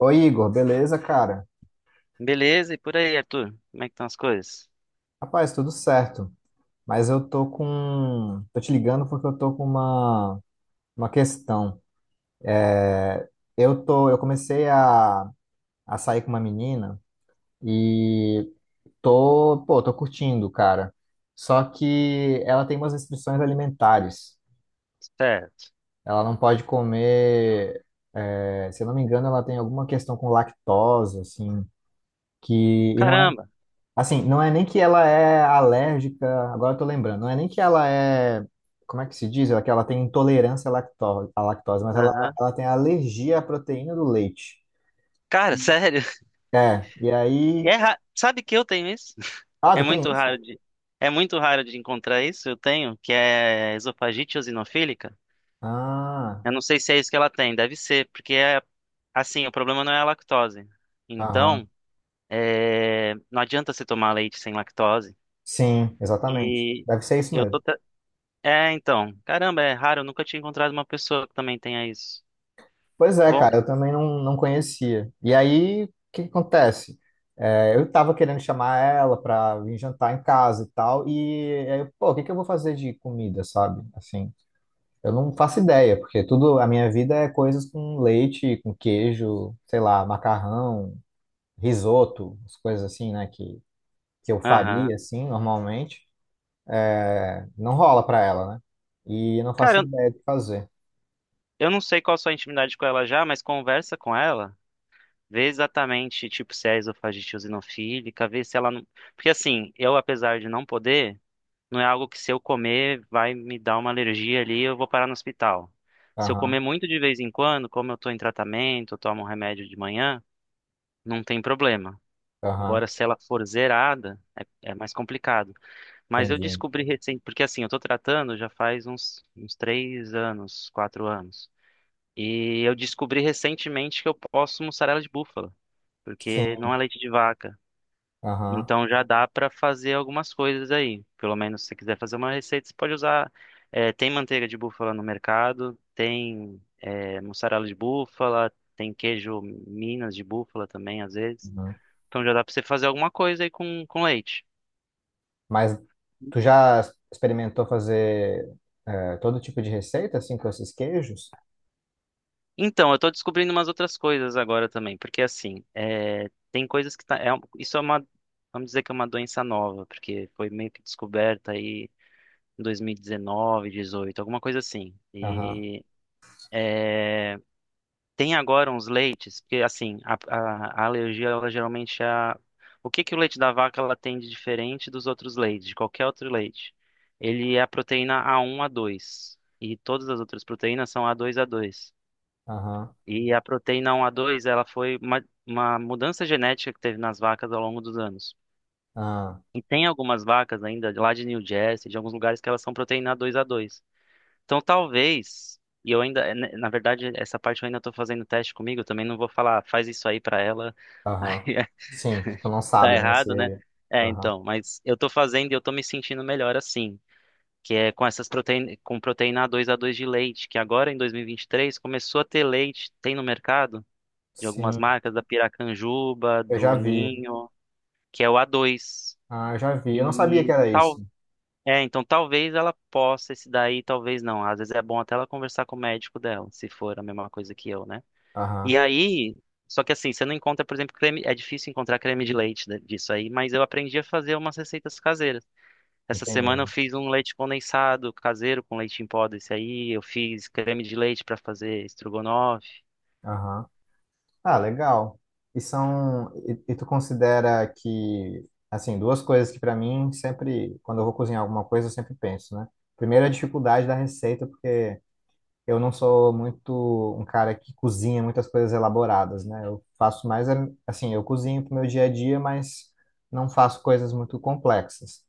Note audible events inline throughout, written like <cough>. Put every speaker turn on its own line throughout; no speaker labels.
Oi, Igor, beleza, cara?
Beleza, e por aí, Arthur? Como é que estão as coisas?
Rapaz, tudo certo. Mas eu tô com. Tô te ligando porque eu tô com uma questão. Eu tô. Eu comecei a sair com uma menina e tô. Pô, tô curtindo, cara. Só que ela tem umas restrições alimentares.
Certo.
Ela não pode comer. É, se eu não me engano, ela tem alguma questão com lactose, assim. Que, e não é.
Caramba.
Assim, não é nem que ela é alérgica, agora eu tô lembrando, não é nem que ela é, como é que se diz? É que ela tem intolerância à lactose, mas ela,
Aham.
ela tem alergia à proteína do leite.
Cara, sério. <laughs>
É, e aí.
Sabe que eu tenho isso? <laughs>
Ah,
É
tu tem
muito
isso?
raro de... É muito raro de encontrar isso, eu tenho, que é esofagite eosinofílica.
Ah,
Eu não sei se é isso que ela tem, deve ser, porque é assim, o problema não é a lactose.
aham.
Então, é, não adianta você tomar leite sem lactose.
Sim, exatamente.
E
Deve ser isso
eu tô.
mesmo.
tra- É, então. Caramba, é raro, eu nunca tinha encontrado uma pessoa que também tenha isso.
Pois é,
Bom,
cara, eu também não conhecia. E aí, o que que acontece? É, eu tava querendo chamar ela pra vir jantar em casa e tal, e aí, pô, o que que eu vou fazer de comida, sabe? Assim. Eu não faço ideia, porque tudo a minha vida é coisas com leite, com queijo, sei lá, macarrão, risoto, as coisas assim, né, que eu
aham.
faria assim normalmente. É, não rola pra ela, né? E eu não faço
Cara,
ideia do que fazer.
eu não sei qual a sua intimidade com ela já, mas conversa com ela. Vê exatamente, tipo, se é esofagite eosinofílica, vê se ela não... Porque assim, eu, apesar de não poder, não é algo que se eu comer vai me dar uma alergia ali e eu vou parar no hospital. Se eu comer
Aham,
muito de vez em quando, como eu tô em tratamento, eu tomo um remédio de manhã, não tem problema.
aham,
Agora, se ela for zerada, é, é mais complicado. Mas eu
entendi.
descobri recente, porque assim, eu tô tratando já faz uns 3 anos, 4 anos. E eu descobri recentemente que eu posso mussarela de búfala, porque não
Sim,
é leite de vaca.
aham,
Então já dá para fazer algumas coisas aí. Pelo menos se você quiser fazer uma receita, você pode usar. Tem manteiga de búfala no mercado, tem mussarela de búfala, tem queijo Minas de búfala também, às vezes.
aham.
Então já dá para você fazer alguma coisa aí com leite.
Mas tu já experimentou fazer todo tipo de receita, assim, com esses queijos?
Então, eu tô descobrindo umas outras coisas agora também, porque assim, é, tem coisas que tá, isso é uma, vamos dizer que é uma doença nova, porque foi meio que descoberta aí em 2019, 18, alguma coisa assim.
Aham,
E tem agora uns leites, porque assim, a alergia, ela geralmente é a, o que que o leite da vaca ela tem de diferente dos outros leites, de qualquer outro leite? Ele é a proteína A1, A2, e todas as outras proteínas são A2, A2.
aham,
E a proteína 1A2, ela foi uma mudança genética que teve nas vacas ao longo dos anos.
aham,
E tem algumas vacas ainda, de lá de New Jersey, de alguns lugares que elas são proteína 2A2. Então talvez, e eu ainda, né, na verdade, essa parte eu ainda estou fazendo teste comigo, eu também não vou falar, "Ah, faz isso aí para ela". <laughs> aí
aham.
é-
Sim, que tu não
tá
sabe, né?
errado, né?
Se...
É,
Aham.
então, mas eu tô fazendo e eu tô me sentindo melhor assim, que é com essas proteína, com proteína 2A2 de leite, que agora em 2023 começou a ter leite, tem no mercado, de algumas
Sim,
marcas, da Piracanjuba,
eu já
do
vi.
Ninho, que é o A2.
Ah, eu já vi. Eu não sabia que
E
era isso.
tal, é, então talvez ela possa esse daí, talvez não. Às vezes é bom até ela conversar com o médico dela, se for a mesma coisa que eu, né? E
Aham,
aí, só que assim, você não encontra, por exemplo, creme, é difícil encontrar creme de leite disso aí, mas eu aprendi a fazer umas receitas caseiras. Essa semana eu
entendi.
fiz um leite condensado caseiro com leite em pó desse aí, eu fiz creme de leite para fazer estrogonofe.
Aham. Ah, legal. E são. E tu considera que, assim, duas coisas que pra mim sempre, quando eu vou cozinhar alguma coisa, eu sempre penso, né? Primeiro, a dificuldade da receita, porque eu não sou muito um cara que cozinha muitas coisas elaboradas, né? Eu faço mais, é, assim, eu cozinho pro meu dia a dia, mas não faço coisas muito complexas.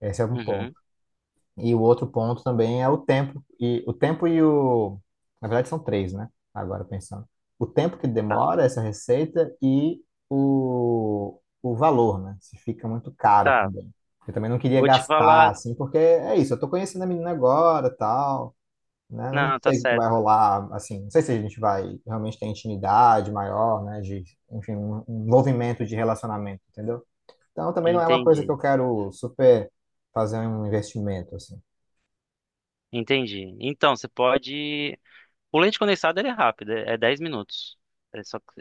Esse é um ponto.
Uhum,
E o outro ponto também é o tempo. E o tempo e o. Na verdade, são três, né? Agora pensando. O tempo que
tá.
demora essa receita e o valor, né? Se fica muito caro
Tá,
também. Eu também não queria
vou te
gastar,
falar.
assim, porque é isso, eu tô conhecendo a menina agora, tal, né? Eu não
Não, tá
sei o que
certo.
vai rolar, assim, não sei se a gente vai realmente ter intimidade maior, né? De, enfim, um envolvimento de relacionamento, entendeu? Então também não é uma coisa que
Entendi,
eu quero super fazer um investimento, assim.
entendi. Então, você pode. O leite condensado ele é rápido, é 10 minutos. É só que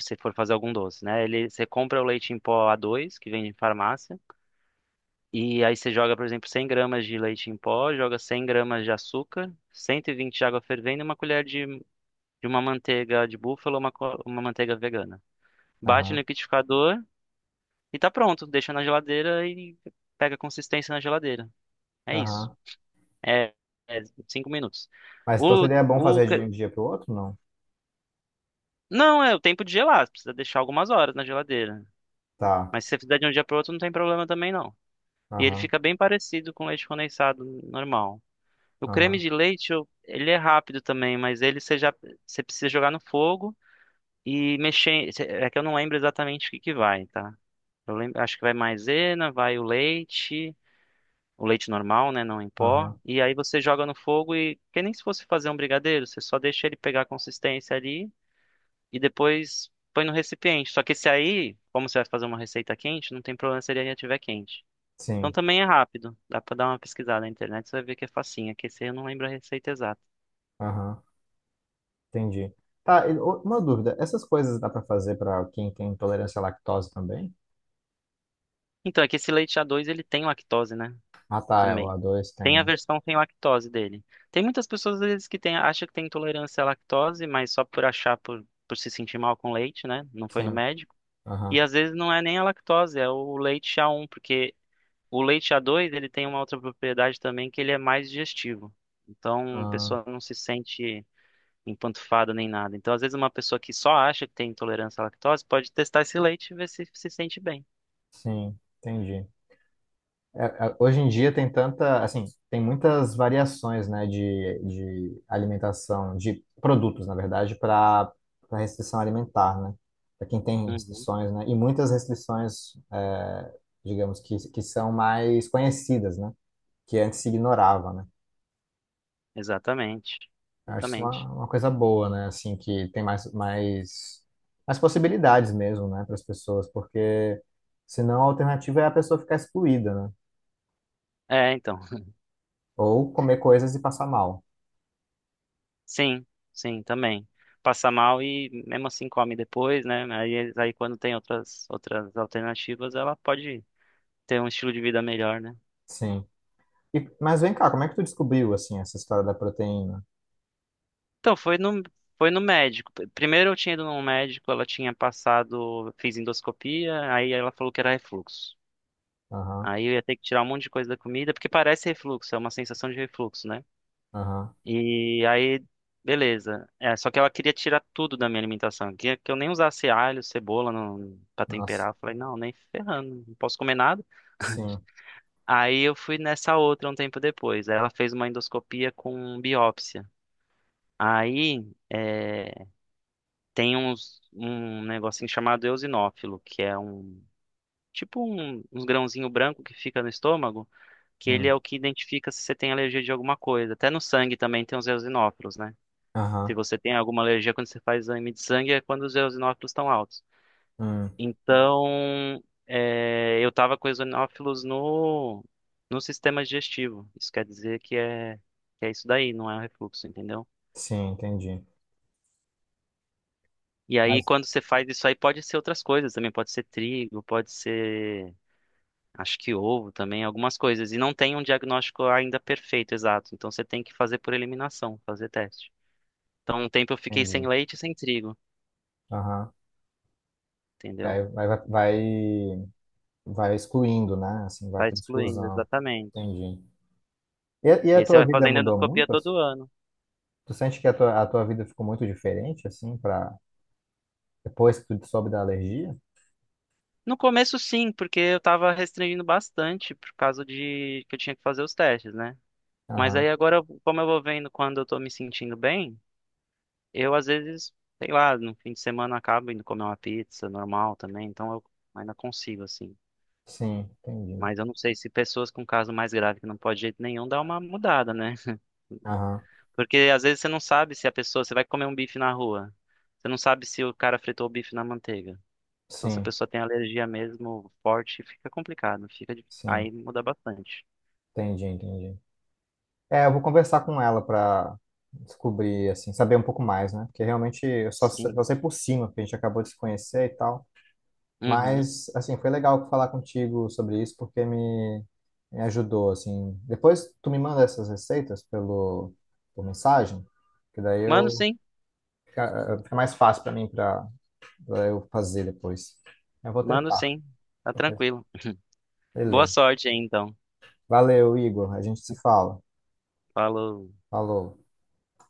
se você for fazer algum doce, né? Ele, você compra o leite em pó a dois, que vem em farmácia, e aí você joga, por exemplo, 100 gramas de leite em pó, joga 100 gramas de açúcar, 120 de água fervendo e uma colher de uma manteiga de búfalo ou uma manteiga vegana. Bate no
Aham,
liquidificador e tá pronto. Deixa na geladeira e pega consistência na geladeira. É isso.
aham.
É, é 5 minutos.
Mas então
O,
seria bom
o,
fazer de
ca-
um dia para o outro, não?
não, é o tempo de gelar. Você precisa deixar algumas horas na geladeira.
Tá.
Mas se você fizer de um dia para outro, não tem problema também, não. E ele
Aham,
fica bem parecido com leite condensado normal. O creme
aham,
de leite, ele é rápido também, mas ele você já você precisa jogar no fogo e mexer. É que eu não lembro exatamente o que que vai, tá? Eu lembro, acho que vai maisena, vai o leite. O leite normal, né, não em pó,
aham.
e aí você joga no fogo e que nem se fosse fazer um brigadeiro, você só deixa ele pegar a consistência ali e depois põe no recipiente. Só que esse aí, como você vai fazer uma receita quente, não tem problema se ele ainda estiver quente. Então
Sim,
também é rápido, dá pra dar uma pesquisada na internet, você vai ver que é facinho. É que esse aí eu não lembro a receita exata.
aham. Entendi. Tá, e o- uma dúvida. Essas coisas dá para fazer para quem tem intolerância à lactose também?
Então, é que esse leite a dois ele tem lactose, né?
Ah, tá, é, o
Também.
A2 tem,
Tem a
né?
versão sem lactose dele. Tem muitas pessoas, às vezes, que tem, acham que tem intolerância à lactose, mas só por achar, por se sentir mal com leite, né? Não foi no
Sim,
médico. E
aham.
às vezes não é nem a lactose, é o leite a um porque o leite a dois ele tem uma outra propriedade também que ele é mais digestivo. Então a
Ah,
pessoa não se sente empantufada nem nada. Então às vezes uma pessoa que só acha que tem intolerância à lactose pode testar esse leite e ver se se sente bem.
sim, entendi. É, é, hoje em dia tem tanta, assim, tem muitas variações, né, de alimentação, de produtos, na verdade, para restrição alimentar, né? Para quem tem
Uhum,
restrições, né? E muitas restrições, é, digamos que são mais conhecidas, né? Que antes se ignorava, né?
exatamente,
Eu acho isso
exatamente.
uma coisa boa, né? Assim, que tem mais, mais possibilidades mesmo, né, para as pessoas, porque senão a alternativa é a pessoa ficar excluída, né?
É, então, <laughs>
Ou comer coisas e passar mal.
sim, sim, também. Passa mal e mesmo assim come depois, né? Aí, aí quando tem outras, outras alternativas, ela pode ter um estilo de vida melhor, né?
Sim. E- mas vem cá, como é que tu descobriu, assim, essa história da proteína?
Então, foi no médico. Primeiro eu tinha ido num médico, ela tinha passado, fiz endoscopia, aí ela falou que era refluxo.
Aham,
Aí eu ia ter que tirar um monte de coisa da comida, porque parece refluxo, é uma sensação de refluxo, né?
aham,
E aí, beleza. É, só que ela queria tirar tudo da minha alimentação. Queria que eu nem usasse alho, cebola não, pra
nossa,
temperar. Eu falei, não, nem ferrando, não posso comer nada.
sim,
Aí eu fui nessa outra um tempo depois. Aí ela fez uma endoscopia com biópsia. Aí. É, tem uns, um negocinho chamado eosinófilo, que é um tipo um, uns grãozinho branco que fica no estômago, que ele é
hum,
o que identifica se você tem alergia de alguma coisa. Até no sangue também tem os eosinófilos, né? Se
aham,
você tem alguma alergia quando você faz exame de sangue, é quando os eosinófilos estão altos.
hum,
Então, é, eu tava com eosinófilos no sistema digestivo. Isso quer dizer que é isso daí, não é um refluxo, entendeu?
sim, entendi.
E aí,
Mas,
quando você faz isso aí, pode ser outras coisas também. Pode ser trigo, pode ser acho que ovo também, algumas coisas. E não tem um diagnóstico ainda perfeito, exato. Então você tem que fazer por eliminação, fazer teste. Então, um tempo eu fiquei sem
entendi,
leite e sem trigo,
aham. E aí
entendeu?
vai, vai excluindo, né? Assim, vai
Vai
por
excluindo,
exclusão,
exatamente.
entendi. E
E
a
aí você
tua
vai
vida
fazendo
mudou
endoscopia
muito?
todo ano.
Tu sente que a tua vida ficou muito diferente, assim, pra, depois que tu soube da alergia?
No começo, sim, porque eu tava restringindo bastante por causa de que eu tinha que fazer os testes, né? Mas aí
Aham,
agora, como eu vou vendo quando eu tô me sentindo bem, eu às vezes, sei lá, no fim de semana acabo indo comer uma pizza normal também, então eu ainda consigo, assim.
sim, entendi.
Mas eu não sei se pessoas com caso mais grave que não pode de jeito nenhum dá uma mudada, né?
Aham,
Porque às vezes você não sabe se a pessoa, você vai comer um bife na rua, você não sabe se o cara fritou o bife na manteiga. Então se a
sim,
pessoa tem alergia mesmo forte, fica complicado,
sim,
aí muda bastante.
entendi, entendi. É, eu vou conversar com ela para descobrir, assim, saber um pouco mais, né? Porque realmente eu só,
Sim.
só sei por cima, porque a gente acabou de se conhecer e tal.
Uhum.
Mas, assim, foi legal falar contigo sobre isso, porque me ajudou, assim. Depois tu me manda essas receitas pelo, por mensagem, que daí
Mano,
eu
sim.
fica mais fácil para mim, para eu fazer depois. Eu vou
Mano,
tentar.
sim. Tá tranquilo. Boa
Beleza.
sorte aí então.
Valeu, Igor. A gente se fala.
Falou.
Falou.